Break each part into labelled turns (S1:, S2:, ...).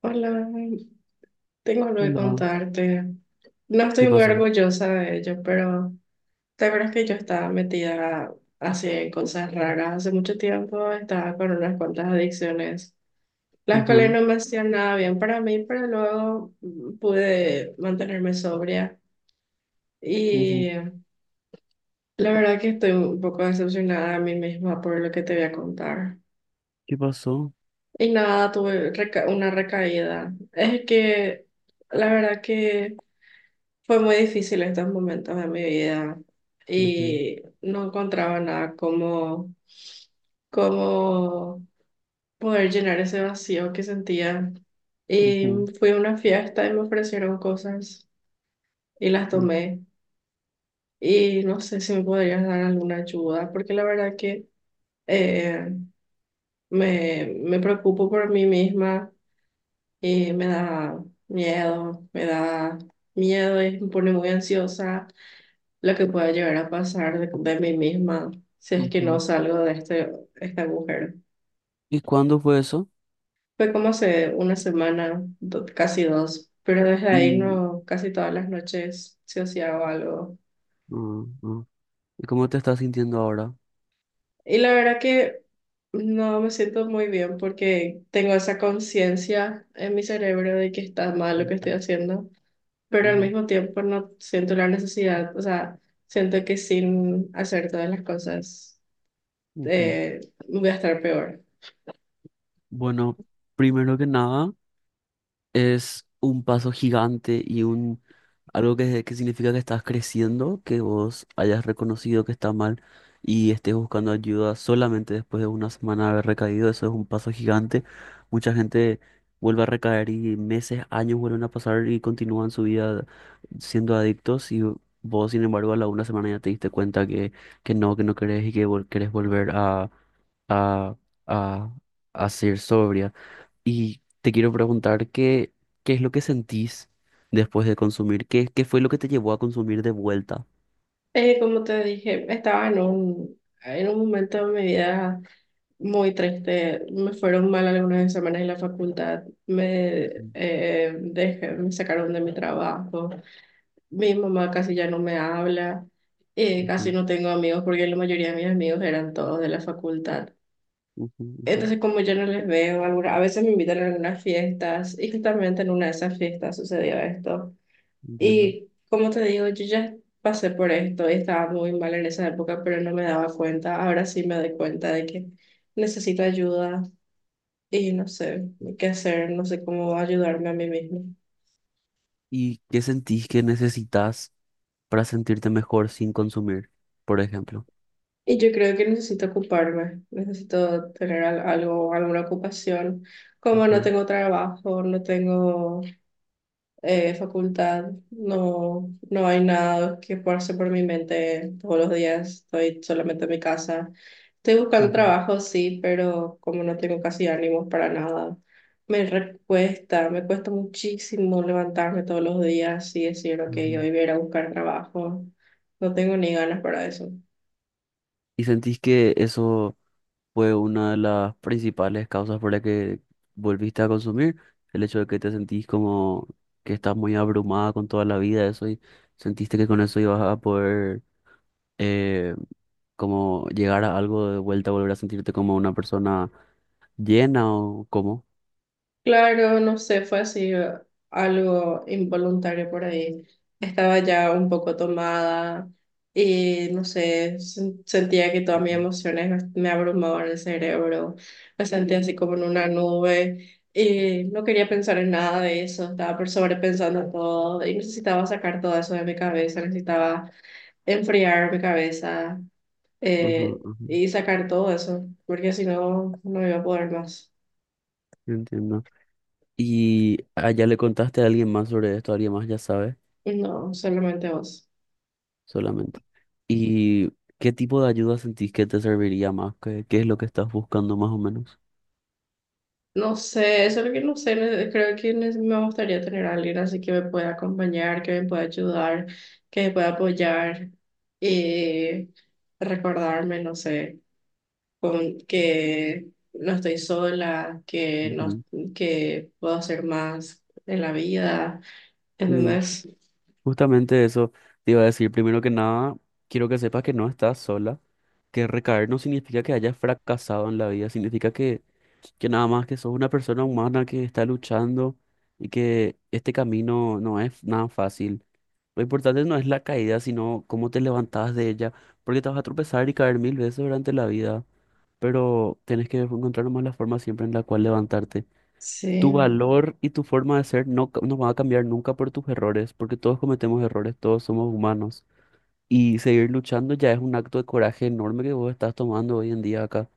S1: Hola, tengo algo que
S2: Hola,
S1: contarte. No
S2: ¿qué
S1: estoy muy
S2: pasó?
S1: orgullosa de ello, pero la verdad es que yo estaba metida así en cosas raras hace mucho tiempo, estaba con unas cuantas adicciones, las cuales
S2: Ujú,
S1: no me hacían nada bien para mí, pero luego pude mantenerme sobria
S2: ujú.
S1: y la verdad que estoy un poco decepcionada de mí misma por lo que te voy a contar.
S2: ¿Qué pasó?
S1: Y nada, una recaída. Es que la verdad que. Fue muy difícil estos momentos de mi vida
S2: Ujú,
S1: y no encontraba nada como poder llenar ese vacío que sentía. Y
S2: ujú,
S1: fui a una fiesta y me ofrecieron cosas y las
S2: ujú,
S1: tomé. Y no sé si me podrías dar alguna ayuda, porque la verdad que eh, me preocupo por mí misma y me da miedo y me pone muy ansiosa. Lo que pueda llegar a pasar de mí misma si es que no
S2: ujú.
S1: salgo de este, este agujero.
S2: ¿Y cuándo fue eso?
S1: Fue como hace una semana, casi dos, pero desde ahí
S2: Y,
S1: no, casi todas las noches se hacía algo.
S2: mm, mm. ¿Y cómo te estás sintiendo ahora?
S1: Y la verdad que no me siento muy bien porque tengo esa conciencia en mi cerebro de que está mal lo que
S2: Ujú,
S1: estoy haciendo, pero al
S2: ujú,
S1: mismo tiempo no siento la necesidad, o sea, siento que sin hacer todas las cosas
S2: ujú.
S1: eh, voy a estar peor.
S2: Bueno, primero que nada. Es un paso gigante y un algo que significa que estás creciendo, que vos hayas reconocido que está mal y estés buscando ayuda solamente después de una semana de haber recaído. Eso es un paso gigante. Mucha gente vuelve a recaer y meses, años vuelven a pasar y continúan su vida siendo adictos y vos, sin embargo, a la una semana ya te diste cuenta que, que no querés y que querés volver a, a, a ser sobria. Y te quiero preguntar qué es lo que sentís después de consumir, qué fue lo que te llevó a consumir de vuelta.
S1: Como te dije, estaba en un momento de mi vida muy triste. Me fueron mal algunas semanas en la facultad.
S2: Mm,
S1: Me sacaron de mi trabajo. Mi mamá casi ya no me habla. Casi
S2: ujú,
S1: no tengo amigos porque la mayoría de mis amigos eran todos de la facultad.
S2: ujú, ujú,
S1: Entonces, como yo no les veo, a veces me invitan a algunas fiestas y justamente en una de esas fiestas sucedió esto.
S2: entiendo.
S1: Y como te digo, yo ya pasé por esto y estaba muy mal en esa época, pero no me daba cuenta. Ahora sí me doy cuenta de que necesito ayuda y no sé qué hacer, no sé cómo ayudarme a mí misma.
S2: ¿Y qué sentís que necesitas para sentirte mejor sin consumir, por ejemplo?
S1: Y yo creo que necesito ocuparme, necesito tener algo, alguna ocupación. Como no
S2: Ujú,
S1: tengo trabajo, no tengo facultad, no hay nada que pase por mi mente todos los días, estoy solamente en mi casa. Estoy buscando
S2: ujú,
S1: trabajo, sí, pero como no tengo casi ánimos para nada, cuesta, me cuesta muchísimo levantarme todos los días y decir, ok, hoy
S2: ujú.
S1: voy a ir a buscar trabajo. No tengo ni ganas para eso.
S2: ¿Y sentís que eso fue una de las principales causas por la que volviste a consumir? El hecho de que te sentís como que estás muy abrumada con toda la vida, eso y sentiste que con eso ibas a poder eh, como llegar a algo de vuelta, volver a sentirte como una persona llena o cómo.
S1: Claro, no sé, fue así algo involuntario por ahí. Estaba ya un poco tomada y no sé, sentía que todas mis
S2: Ujú,
S1: emociones me abrumaban el cerebro. Me sentía así como en una nube y no quería pensar en nada de eso. Estaba por sobrepensando todo y necesitaba sacar todo eso de mi cabeza, necesitaba enfriar mi cabeza
S2: ujú,
S1: eh,
S2: ujú.
S1: y sacar todo eso, porque si no, no iba a poder más.
S2: Entiendo. ¿Y allá le contaste a alguien más sobre esto? ¿Alguien más ya sabe?
S1: No, solamente vos.
S2: Solamente. ¿Y qué tipo de ayuda sentís que te serviría más? ¿Qué es lo que estás buscando más o menos?
S1: No sé, eso es lo que no sé. Creo que me gustaría tener a alguien así que me pueda acompañar, que me pueda ayudar, que me pueda apoyar y recordarme, no sé, con, que no estoy sola, que, no,
S2: Ujú.
S1: que puedo hacer más en la vida.
S2: Sí,
S1: ¿Entendés?
S2: justamente eso te iba a decir. Primero que nada, quiero que sepas que no estás sola, que recaer no significa que hayas fracasado en la vida, significa que nada más que sos una persona humana que está luchando y que este camino no es nada fácil. Lo importante no es la caída, sino cómo te levantabas de ella, porque te vas a tropezar y caer mil veces durante la vida, pero tenés que encontrar nomás la forma siempre en la cual levantarte. Tu
S1: Sí.
S2: valor y tu forma de ser no, no van a cambiar nunca por tus errores, porque todos cometemos errores, todos somos humanos. Y seguir luchando ya es un acto de coraje enorme que vos estás tomando hoy en día acá.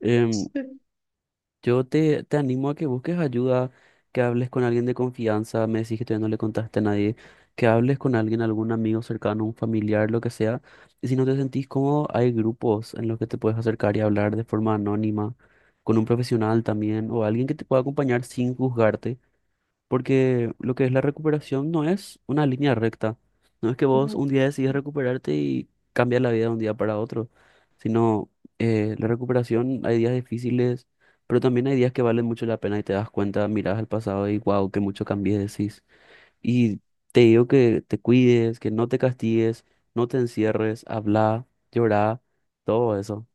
S2: Em,
S1: Sí.
S2: yo te animo a que busques ayuda, que hables con alguien de confianza, me decís que todavía no le contaste a nadie, que hables con alguien, algún amigo cercano, un familiar, lo que sea. Y si no te sentís cómodo, hay grupos en los que te puedes acercar y hablar de forma anónima, con un profesional también, o alguien que te pueda acompañar sin juzgarte porque lo que es la recuperación no es una línea recta. No es que vos
S1: No.
S2: un día decides recuperarte y cambias la vida de un día para otro, sino la recuperación, hay días difíciles, pero también hay días que valen mucho la pena y te das cuenta, miras al pasado y wow, que mucho cambié, decís. Y te digo que te cuides, que no te castigues, no te encierres, habla, llora, todo eso.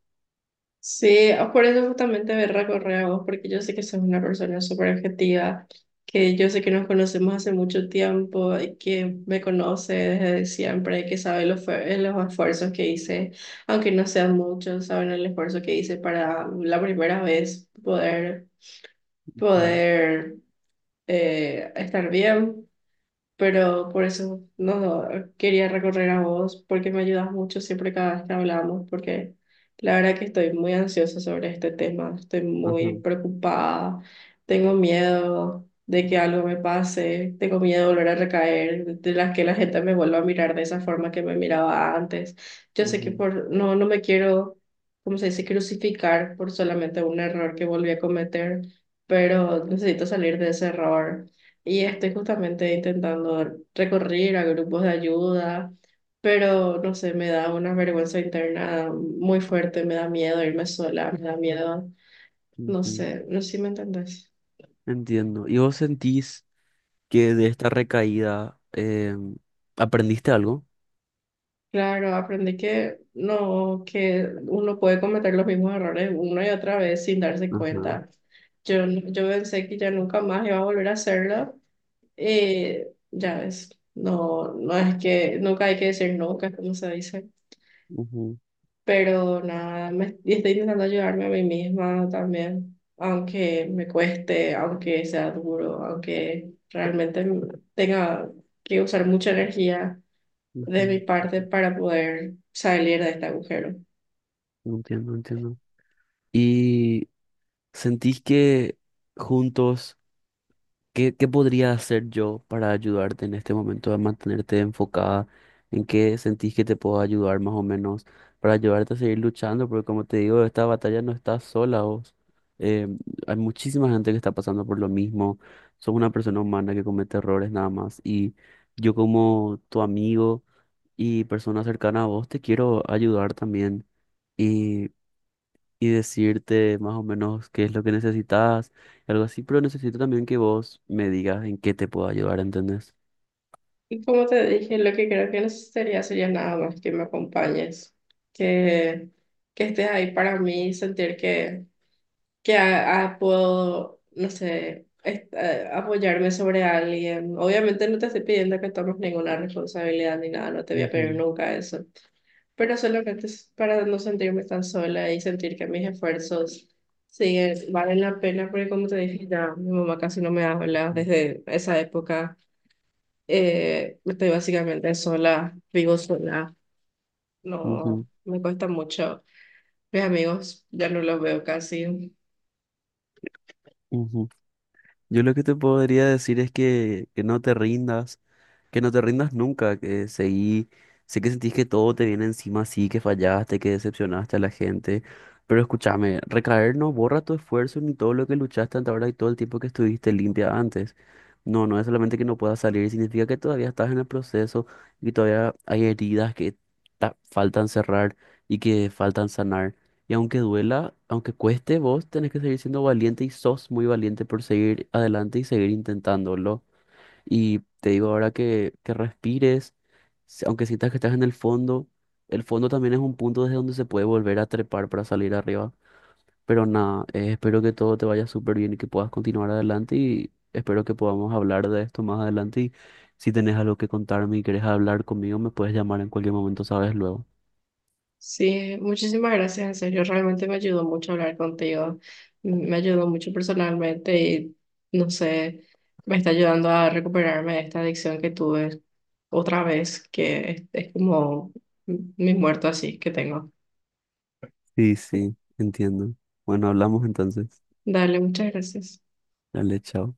S1: Sí, por eso justamente me recorré a vos, porque yo sé que sos una persona súper objetiva, que yo sé que nos conocemos hace mucho tiempo y que me conoce desde siempre, que sabe los, los esfuerzos que hice, aunque no sean muchos, saben el esfuerzo que hice para la primera vez poder,
S2: Ujú,
S1: poder estar bien, pero por eso no no, quería recorrer a vos, porque me ayudas mucho siempre cada vez que hablamos, porque la verdad que estoy muy ansiosa sobre este tema, estoy
S2: ajá,
S1: muy preocupada, tengo miedo de que algo me pase, tengo miedo de volver a recaer, de las que la gente me vuelva a mirar de esa forma que me miraba antes. Yo sé que
S2: ujú,
S1: por no me quiero, ¿cómo se dice?, crucificar por solamente un error que volví a cometer, pero necesito salir de ese error. Y estoy justamente intentando recurrir a grupos de ayuda, pero no sé, me da una vergüenza interna muy fuerte, me da miedo irme sola, me da miedo, no
S2: ujú.
S1: sé, no sé si me entendés.
S2: Entiendo. ¿Y vos sentís que de esta recaída aprendiste algo?
S1: Claro, aprendí que no, que uno puede cometer los mismos errores una y otra vez sin darse
S2: Ajá.
S1: cuenta. Yo pensé que ya nunca más iba a volver a hacerlo. Ya ves, no, no es que nunca hay que decir nunca, como se dice.
S2: Ujú,
S1: Pero nada, y estoy intentando ayudarme a mí misma también, aunque me cueste, aunque sea duro, aunque realmente tenga que usar mucha energía de
S2: ujú,
S1: mi parte para poder salir de este agujero.
S2: entiendo, entiendo. ¿Y sentís que juntos? ¿Qué podría hacer yo para ayudarte en este momento a mantenerte enfocada? ¿En qué sentís que te puedo ayudar más o menos para ayudarte a seguir luchando? Porque como te digo, esta batalla no estás sola vos. Eh, Hay muchísima gente que está pasando por lo mismo. Sos una persona humana que comete errores nada más. Y yo como tu amigo y persona cercana a vos te quiero ayudar también y decirte más o menos qué es lo que necesitas, algo así, pero necesito también que vos me digas en qué te puedo ayudar, ¿entendés?
S1: Y como te dije, lo que creo que necesitaría sería nada más que me acompañes, que, que estés ahí para mí, sentir que puedo, no sé, apoyarme sobre alguien. Obviamente no te estoy pidiendo que tomes ninguna responsabilidad ni nada, no te voy a pedir
S2: Ujú,
S1: nunca eso, pero solamente es para no sentirme tan sola y sentir que mis esfuerzos siguen, valen la pena, porque como te dije, ya mi mamá casi no me habla
S2: ujú.
S1: desde esa época. Estoy básicamente sola, vivo sola, no
S2: Ujú,
S1: me cuesta mucho. Mis amigos ya no los veo casi.
S2: ujú. Yo lo que te podría decir es que no te rindas, que no te rindas nunca, que seguí, sé que sentís que todo te viene encima, sí, que fallaste, que decepcionaste a la gente, pero escúchame, recaer no borra tu esfuerzo ni todo lo que luchaste hasta ahora y todo el tiempo que estuviste limpia antes. No, no es solamente que no puedas salir, significa que todavía estás en el proceso y todavía hay heridas que faltan cerrar y que faltan sanar. Y aunque duela, aunque cueste, vos tenés que seguir siendo valiente y sos muy valiente por seguir adelante y seguir intentándolo. Y te digo ahora que respires, aunque sientas que estás en el fondo también es un punto desde donde se puede volver a trepar para salir arriba. Pero nada, espero que todo te vaya súper bien y que puedas continuar adelante y espero que podamos hablar de esto más adelante. Y si tenés algo que contarme y querés hablar conmigo, me puedes llamar en cualquier momento, sabes luego.
S1: Sí, muchísimas gracias, en serio, realmente me ayudó mucho hablar contigo, me ayudó mucho personalmente y no sé, me está ayudando a recuperarme de esta adicción que tuve otra vez, que es como mi muerto así que tengo.
S2: Sí, sí, entiendo. Bueno, hablamos entonces.
S1: Dale, muchas gracias.
S2: Dale, chao.